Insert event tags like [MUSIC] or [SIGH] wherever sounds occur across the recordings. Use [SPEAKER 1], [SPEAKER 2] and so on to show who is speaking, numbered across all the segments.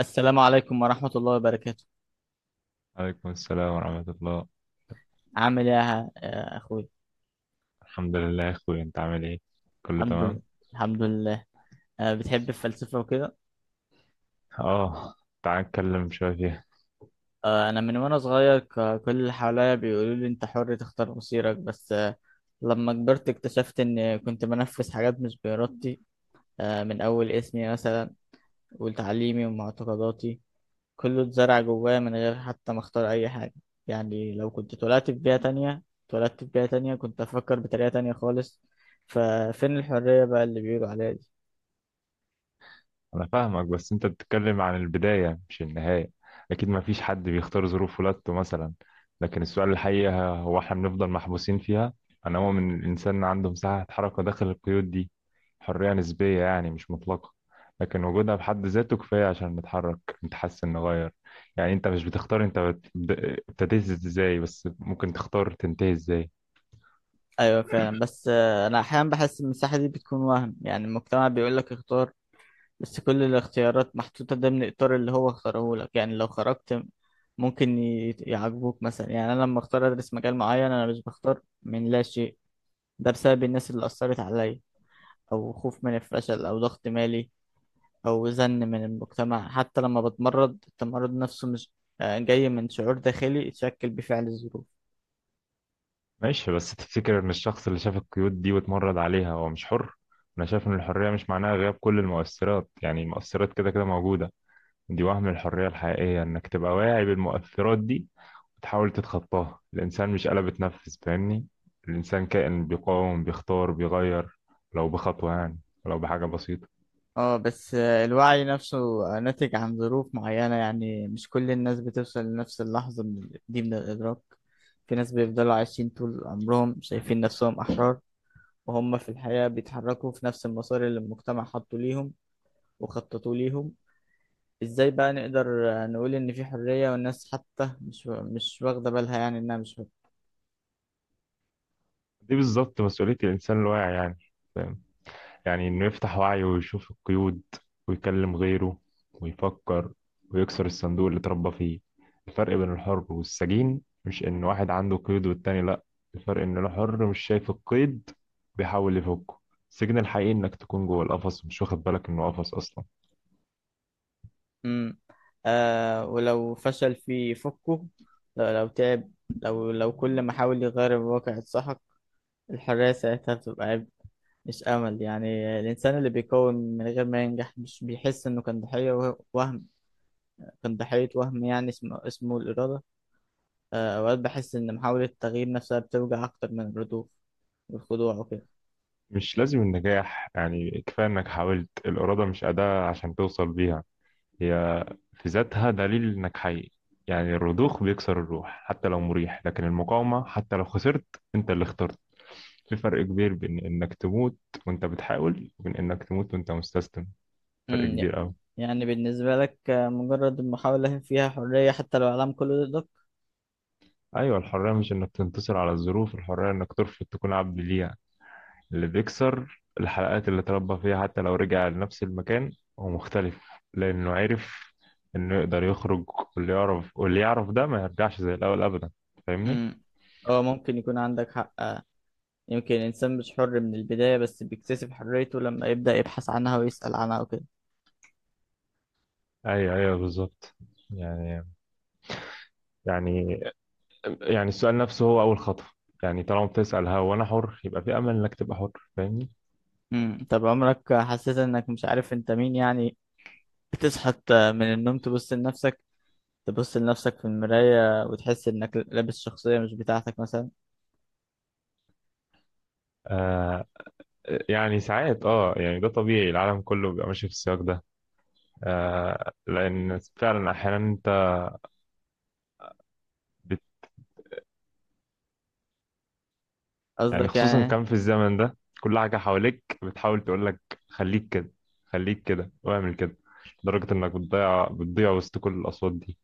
[SPEAKER 1] السلام عليكم ورحمة الله وبركاته.
[SPEAKER 2] عليكم السلام ورحمة الله.
[SPEAKER 1] عامل ايه يا اخوي؟
[SPEAKER 2] الحمد لله يا أخوي، أنت عامل إيه؟ كله
[SPEAKER 1] الحمد
[SPEAKER 2] تمام؟
[SPEAKER 1] لله. الحمد لله. بتحب الفلسفة وكده.
[SPEAKER 2] آه. تعال نتكلم شوية فيها.
[SPEAKER 1] انا من وانا صغير كل اللي حواليا بيقولوا لي انت حر تختار مصيرك بس لما كبرت اكتشفت ان كنت بنفذ حاجات مش بإرادتي. من اول اسمي مثلا وتعليمي ومعتقداتي، كله اتزرع جوايا من غير حتى ما اختار اي حاجة. يعني لو كنت اتولدت في بيئة تانية، كنت افكر بطريقة تانية خالص. ففين الحرية بقى اللي بيقولوا عليها دي؟
[SPEAKER 2] انا فاهمك، بس انت بتتكلم عن البداية مش النهاية. اكيد ما فيش حد بيختار ظروف ولادته مثلا، لكن السؤال الحقيقي هو احنا بنفضل محبوسين فيها. انا مؤمن ان الانسان عنده مساحة حركة داخل القيود دي، حرية نسبية يعني، مش مطلقة، لكن وجودها بحد ذاته كفاية عشان نتحرك، نتحسن، نغير. يعني انت مش بتختار، ابتديت ازاي، بس ممكن تختار تنتهي ازاي.
[SPEAKER 1] ايوه فعلا، بس انا احيانا بحس ان المساحه دي بتكون وهم، يعني المجتمع بيقول لك اختار، بس كل الاختيارات محطوطه ضمن اطار اللي هو اختاره لك. يعني لو خرجت ممكن يعجبوك مثلا. يعني انا لما اختار ادرس مجال معين انا مش بختار من لا شيء، ده بسبب الناس اللي اثرت عليا، او خوف من الفشل، او ضغط مالي، او زن من المجتمع. حتى لما بتمرض التمرض نفسه مش جاي من شعور داخلي اتشكل بفعل الظروف.
[SPEAKER 2] ماشي، بس تفتكر ان الشخص اللي شاف القيود دي واتمرد عليها هو مش حر؟ انا شايف ان الحرية مش معناها غياب كل المؤثرات، يعني المؤثرات كده كده موجودة، دي وهم. الحرية الحقيقية انك تبقى واعي بالمؤثرات دي وتحاول تتخطاها. الانسان مش آلة بتنفذ، فاهمني؟ الانسان كائن بيقاوم، بيختار، بيغير، لو بخطوة يعني، لو بحاجة بسيطة.
[SPEAKER 1] اه بس الوعي نفسه ناتج عن ظروف معينة. يعني مش كل الناس بتوصل لنفس اللحظة من الإدراك. في ناس بيفضلوا عايشين طول عمرهم شايفين نفسهم أحرار، وهم في الحياة بيتحركوا في نفس المسار اللي المجتمع حطه ليهم وخططوا ليهم. ازاي بقى نقدر نقول إن في حرية والناس حتى مش واخدة بالها يعني إنها مش...
[SPEAKER 2] دي بالظبط مسؤولية الانسان الواعي، يعني، فاهم؟ يعني إنه يفتح وعيه ويشوف القيود، ويكلم غيره، ويفكر، ويكسر الصندوق اللي اتربى فيه. الفرق بين الحر والسجين مش إن واحد عنده قيد والتاني لأ، الفرق إن الحر مش شايف القيد، بيحاول يفكه. السجن الحقيقي إنك تكون جوه القفص ومش واخد بالك إنه قفص أصلا.
[SPEAKER 1] امم. آه، ولو فشل في فكه؟ لو تعب؟ لو كل ما حاول يغير الواقع اتسحق؟ الحرية ساعتها بتبقى عبء مش أمل. يعني الإنسان اللي بيكون من غير ما ينجح مش بيحس إنه كان ضحية وهم، يعني اسمه الإرادة. آه، أوقات بحس إن محاولة التغيير نفسها بتوجع أكتر من الردوف والخضوع وكده.
[SPEAKER 2] مش لازم النجاح، يعني كفاية إنك حاولت. الإرادة مش أداة عشان توصل بيها، هي في ذاتها دليل انك حي. يعني الرضوخ بيكسر الروح حتى لو مريح، لكن المقاومة حتى لو خسرت، انت اللي اخترت. في فرق كبير بين انك تموت وانت بتحاول، وبين انك تموت وانت مستسلم. فرق
[SPEAKER 1] أمم، ي-
[SPEAKER 2] كبير قوي.
[SPEAKER 1] يعني بالنسبة لك مجرد المحاولة فيها حرية حتى لو العالم كله ضدك؟
[SPEAKER 2] ايوه، الحرية مش انك تنتصر على الظروف، الحرية انك ترفض تكون عبد ليها. اللي بيكسر الحلقات اللي تربى فيها حتى لو رجع لنفس المكان، هو مختلف، لانه عرف انه يقدر يخرج. واللي يعرف ده ما يرجعش زي الاول ابدا، فاهمني؟
[SPEAKER 1] أمم، هو ممكن يكون عندك حق. يمكن الإنسان مش حر من البداية، بس بيكتسب حريته لما يبدأ يبحث عنها ويسأل عنها وكده.
[SPEAKER 2] ايوه، ايوه، بالظبط. يعني يعني يعني السؤال نفسه هو اول خطوه، يعني طالما بتسأل هو انا حر، يبقى في امل انك تبقى حر، فاهمني؟
[SPEAKER 1] مم. طب عمرك حسيت انك مش عارف انت مين؟ يعني بتصحى من النوم، تبص لنفسك في المراية وتحس انك لابس شخصية مش بتاعتك مثلا.
[SPEAKER 2] آه يعني ساعات يعني ده طبيعي، العالم كله بيبقى ماشي في السياق ده. لان فعلا احيانا انت بت يعني
[SPEAKER 1] قصدك
[SPEAKER 2] خصوصا
[SPEAKER 1] يعني إيه؟
[SPEAKER 2] كان في الزمن ده كل حاجه حواليك بتحاول تقول لك: خليك كده، خليك كده واعمل كده، لدرجه انك بتضيع بتضيع وسط كل الاصوات دي.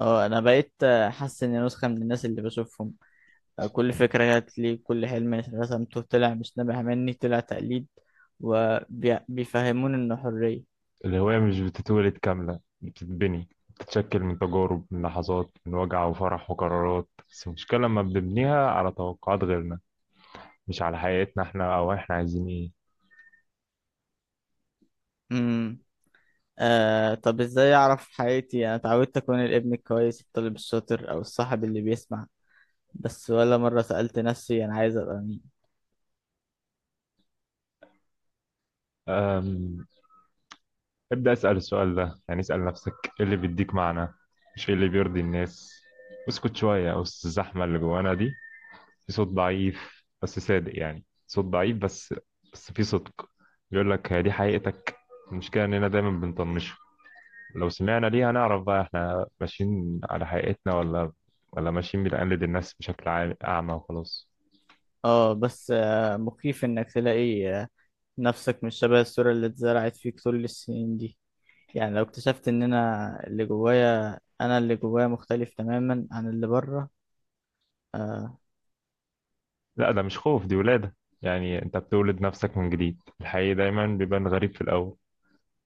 [SPEAKER 1] اه، انا بقيت حاسس اني نسخة من الناس اللي بشوفهم. كل فكرة جات لي كل حلم رسمته طلع مش نابع مني، طلع تقليد وبيفهمون انه حرية.
[SPEAKER 2] الهواية مش بتتولد كاملة، بتتبني، بتتشكل من تجارب، من لحظات، من وجع وفرح وقرارات. بس المشكلة لما بنبنيها على توقعات غيرنا، مش على حياتنا احنا، أو احنا عايزين ايه.
[SPEAKER 1] امم. آه، طب ازاي اعرف حقيقتي؟ انا اتعودت اكون الابن الكويس، الطالب الشاطر، او الصاحب اللي بيسمع بس، ولا مرة سألت نفسي أنا عايز أبقى مين.
[SPEAKER 2] أم... ابدأ اسأل السؤال ده، يعني اسأل نفسك: ايه اللي بيديك معنى؟ مش ايه اللي بيرضي الناس. اسكت شوية وسط الزحمة اللي جوانا دي. في صوت ضعيف بس صادق، يعني صوت ضعيف، بس في صدق، بيقول لك: هي دي حقيقتك. المشكلة إننا دايما بنطنشه. لو سمعنا ليها نعرف بقى احنا ماشيين على حقيقتنا ولا ماشيين بنقلد الناس بشكل أعمى وخلاص.
[SPEAKER 1] اه بس مخيف إنك تلاقي نفسك مش شبه الصورة اللي اتزرعت فيك طول السنين دي. يعني لو اكتشفت إن أنا اللي جوايا مختلف تماما عن اللي بره. آه.
[SPEAKER 2] لا، ده مش خوف، دي ولادة. يعني انت بتولد نفسك من جديد. الحقيقي دايما بيبان غريب في الأول،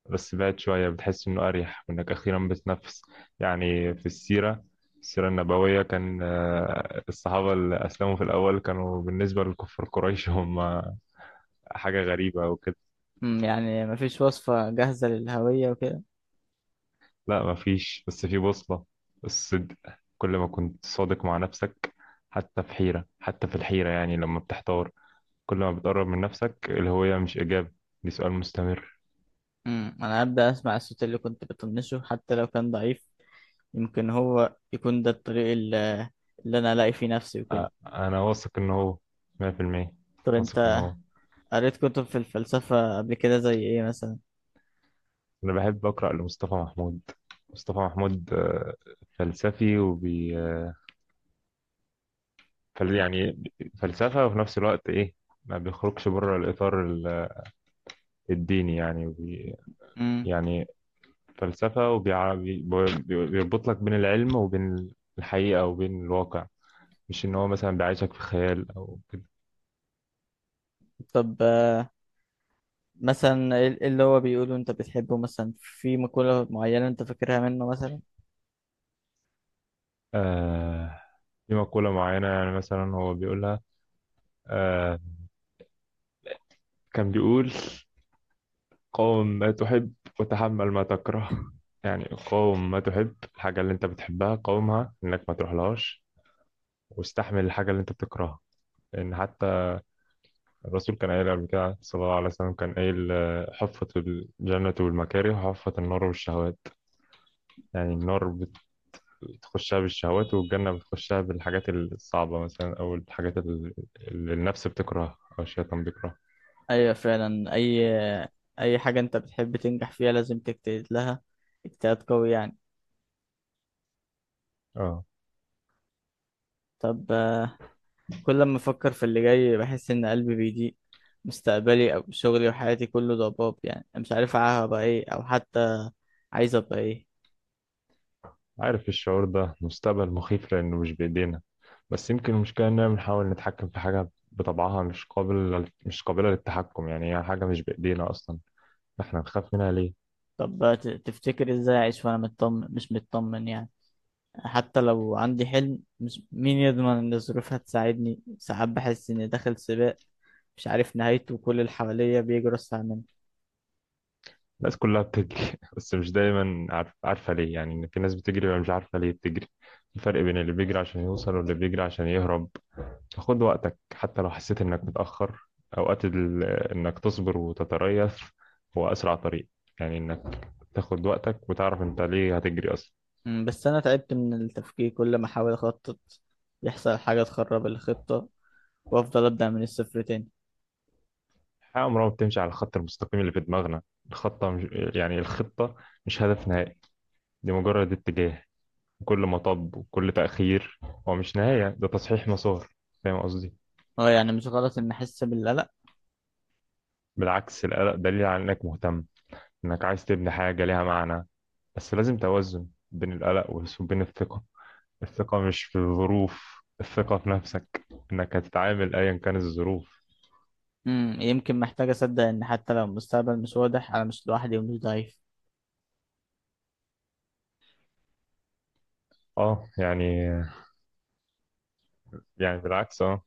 [SPEAKER 2] بس بعد شوية بتحس إنه أريح وإنك أخيرا بتنفس. يعني في السيرة النبوية، كان الصحابة اللي أسلموا في الأول كانوا بالنسبة لكفار قريش هم حاجة غريبة وكده.
[SPEAKER 1] مم، يعني مفيش وصفة جاهزة للهوية وكده؟
[SPEAKER 2] لا مفيش، بس في بوصلة: الصدق. كل ما كنت صادق مع نفسك، حتى في الحيرة يعني لما بتحتار، كل ما بتقرب من نفسك. الهوية مش إجابة، دي سؤال مستمر.
[SPEAKER 1] مم، أنا هبدأ أسمع الصوت اللي كنت بطنشه حتى لو كان ضعيف. يمكن هو يكون ده الطريق اللي أنا ألاقي فيه نفسي وكده.
[SPEAKER 2] أ- أنا واثق إن هو 100%،
[SPEAKER 1] طب
[SPEAKER 2] واثق إن
[SPEAKER 1] أنت
[SPEAKER 2] هو.
[SPEAKER 1] قريت كتب في الفلسفة قبل كده زي إيه مثلا؟
[SPEAKER 2] أنا بحب أقرأ لمصطفى محمود. مصطفى محمود، فلسفي وبي آه، يعني فلسفة، وفي نفس الوقت إيه، ما بيخرجش بره الإطار الديني يعني،
[SPEAKER 1] مم.
[SPEAKER 2] يعني فلسفة، وبيربط لك بين العلم وبين الحقيقة وبين الواقع، مش إن هو مثلا بيعيشك في خيال أو كده.
[SPEAKER 1] طب مثلا إيه اللي هو بيقوله انت بتحبه؟ مثلا في مقولة معينة انت فاكرها منه مثلا؟
[SPEAKER 2] آه. في مقولة معينة، يعني مثلا هو بيقولها. آه. كان بيقول: قاوم ما تحب، وتحمل ما تكره. يعني قاوم ما تحب، الحاجة اللي أنت بتحبها قاومها إنك ما تروحلهاش، واستحمل الحاجة اللي أنت بتكرهها. لأن حتى الرسول كان قايل قبل كده، صلى الله عليه وسلم، كان قايل حفت الجنة والمكاره، وحفت النار والشهوات. يعني النار بتخشها بالشهوات، والجنة بتخشها بالحاجات الصعبة مثلا، أو الحاجات اللي النفس بتكرهها أو الشيطان بيكرهها.
[SPEAKER 1] ايوه فعلا. اي حاجة انت بتحب تنجح فيها لازم تجتهد لها اجتهاد قوي يعني.
[SPEAKER 2] اه
[SPEAKER 1] طب كل ما افكر في اللي جاي بحس ان قلبي بيضيق. مستقبلي او شغلي وحياتي كله ضباب. يعني أنا مش عارف هبقى ايه او حتى عايز ابقى ايه.
[SPEAKER 2] عارف الشعور ده؟ مستقبل مخيف لأنه مش بإيدينا، بس يمكن المشكلة إننا بنحاول نتحكم في حاجة بطبعها مش قابلة للتحكم، يعني هي حاجة مش بإيدينا أصلا، إحنا نخاف منها ليه؟
[SPEAKER 1] طب تفتكر ازاي اعيش وانا مطمن؟ مش مطمن يعني. حتى لو عندي حلم مش مين يضمن ان الظروف هتساعدني. ساعات بحس اني داخل سباق مش عارف نهايته وكل اللي حواليا بيجروا اسرع مني.
[SPEAKER 2] الناس كلها بتجري [LAUGHS] بس مش دايما عارفة ليه، يعني إن في ناس بتجري ومش عارفة ليه بتجري. في فرق بين اللي بيجري عشان يوصل واللي بيجري عشان يهرب. خد وقتك حتى لو حسيت انك متأخر. اوقات ال... آه، انك تصبر وتتريث هو اسرع طريق، يعني انك تاخد وقتك وتعرف انت ليه هتجري اصلا.
[SPEAKER 1] أمم، بس انا تعبت من التفكير. كل ما احاول اخطط يحصل حاجة تخرب الخطة، وافضل ابدأ من الصفر تاني.
[SPEAKER 2] الحياة عمرها ما بتمشي على الخط المستقيم اللي في دماغنا. الخطة مش... آه، يعني الخطة مش هدف نهائي، دي مجرد اتجاه. كل مطب وكل تأخير هو مش نهاية، ده تصحيح مسار، فاهم قصدي؟
[SPEAKER 1] اه، يعني مش غلط ان احس بالقلق؟
[SPEAKER 2] بالعكس، القلق دليل على انك مهتم، انك عايز تبني حاجة ليها معنى. بس لازم توازن بين القلق وبين الثقة. الثقة مش في الظروف، الثقة في نفسك، إنك هتتعامل أيا كانت الظروف.
[SPEAKER 1] أمم، يمكن محتاج اصدق ان حتى لو المستقبل مش واضح انا مش لوحدي ومش ضعيف.
[SPEAKER 2] اه يعني يعني بالعكس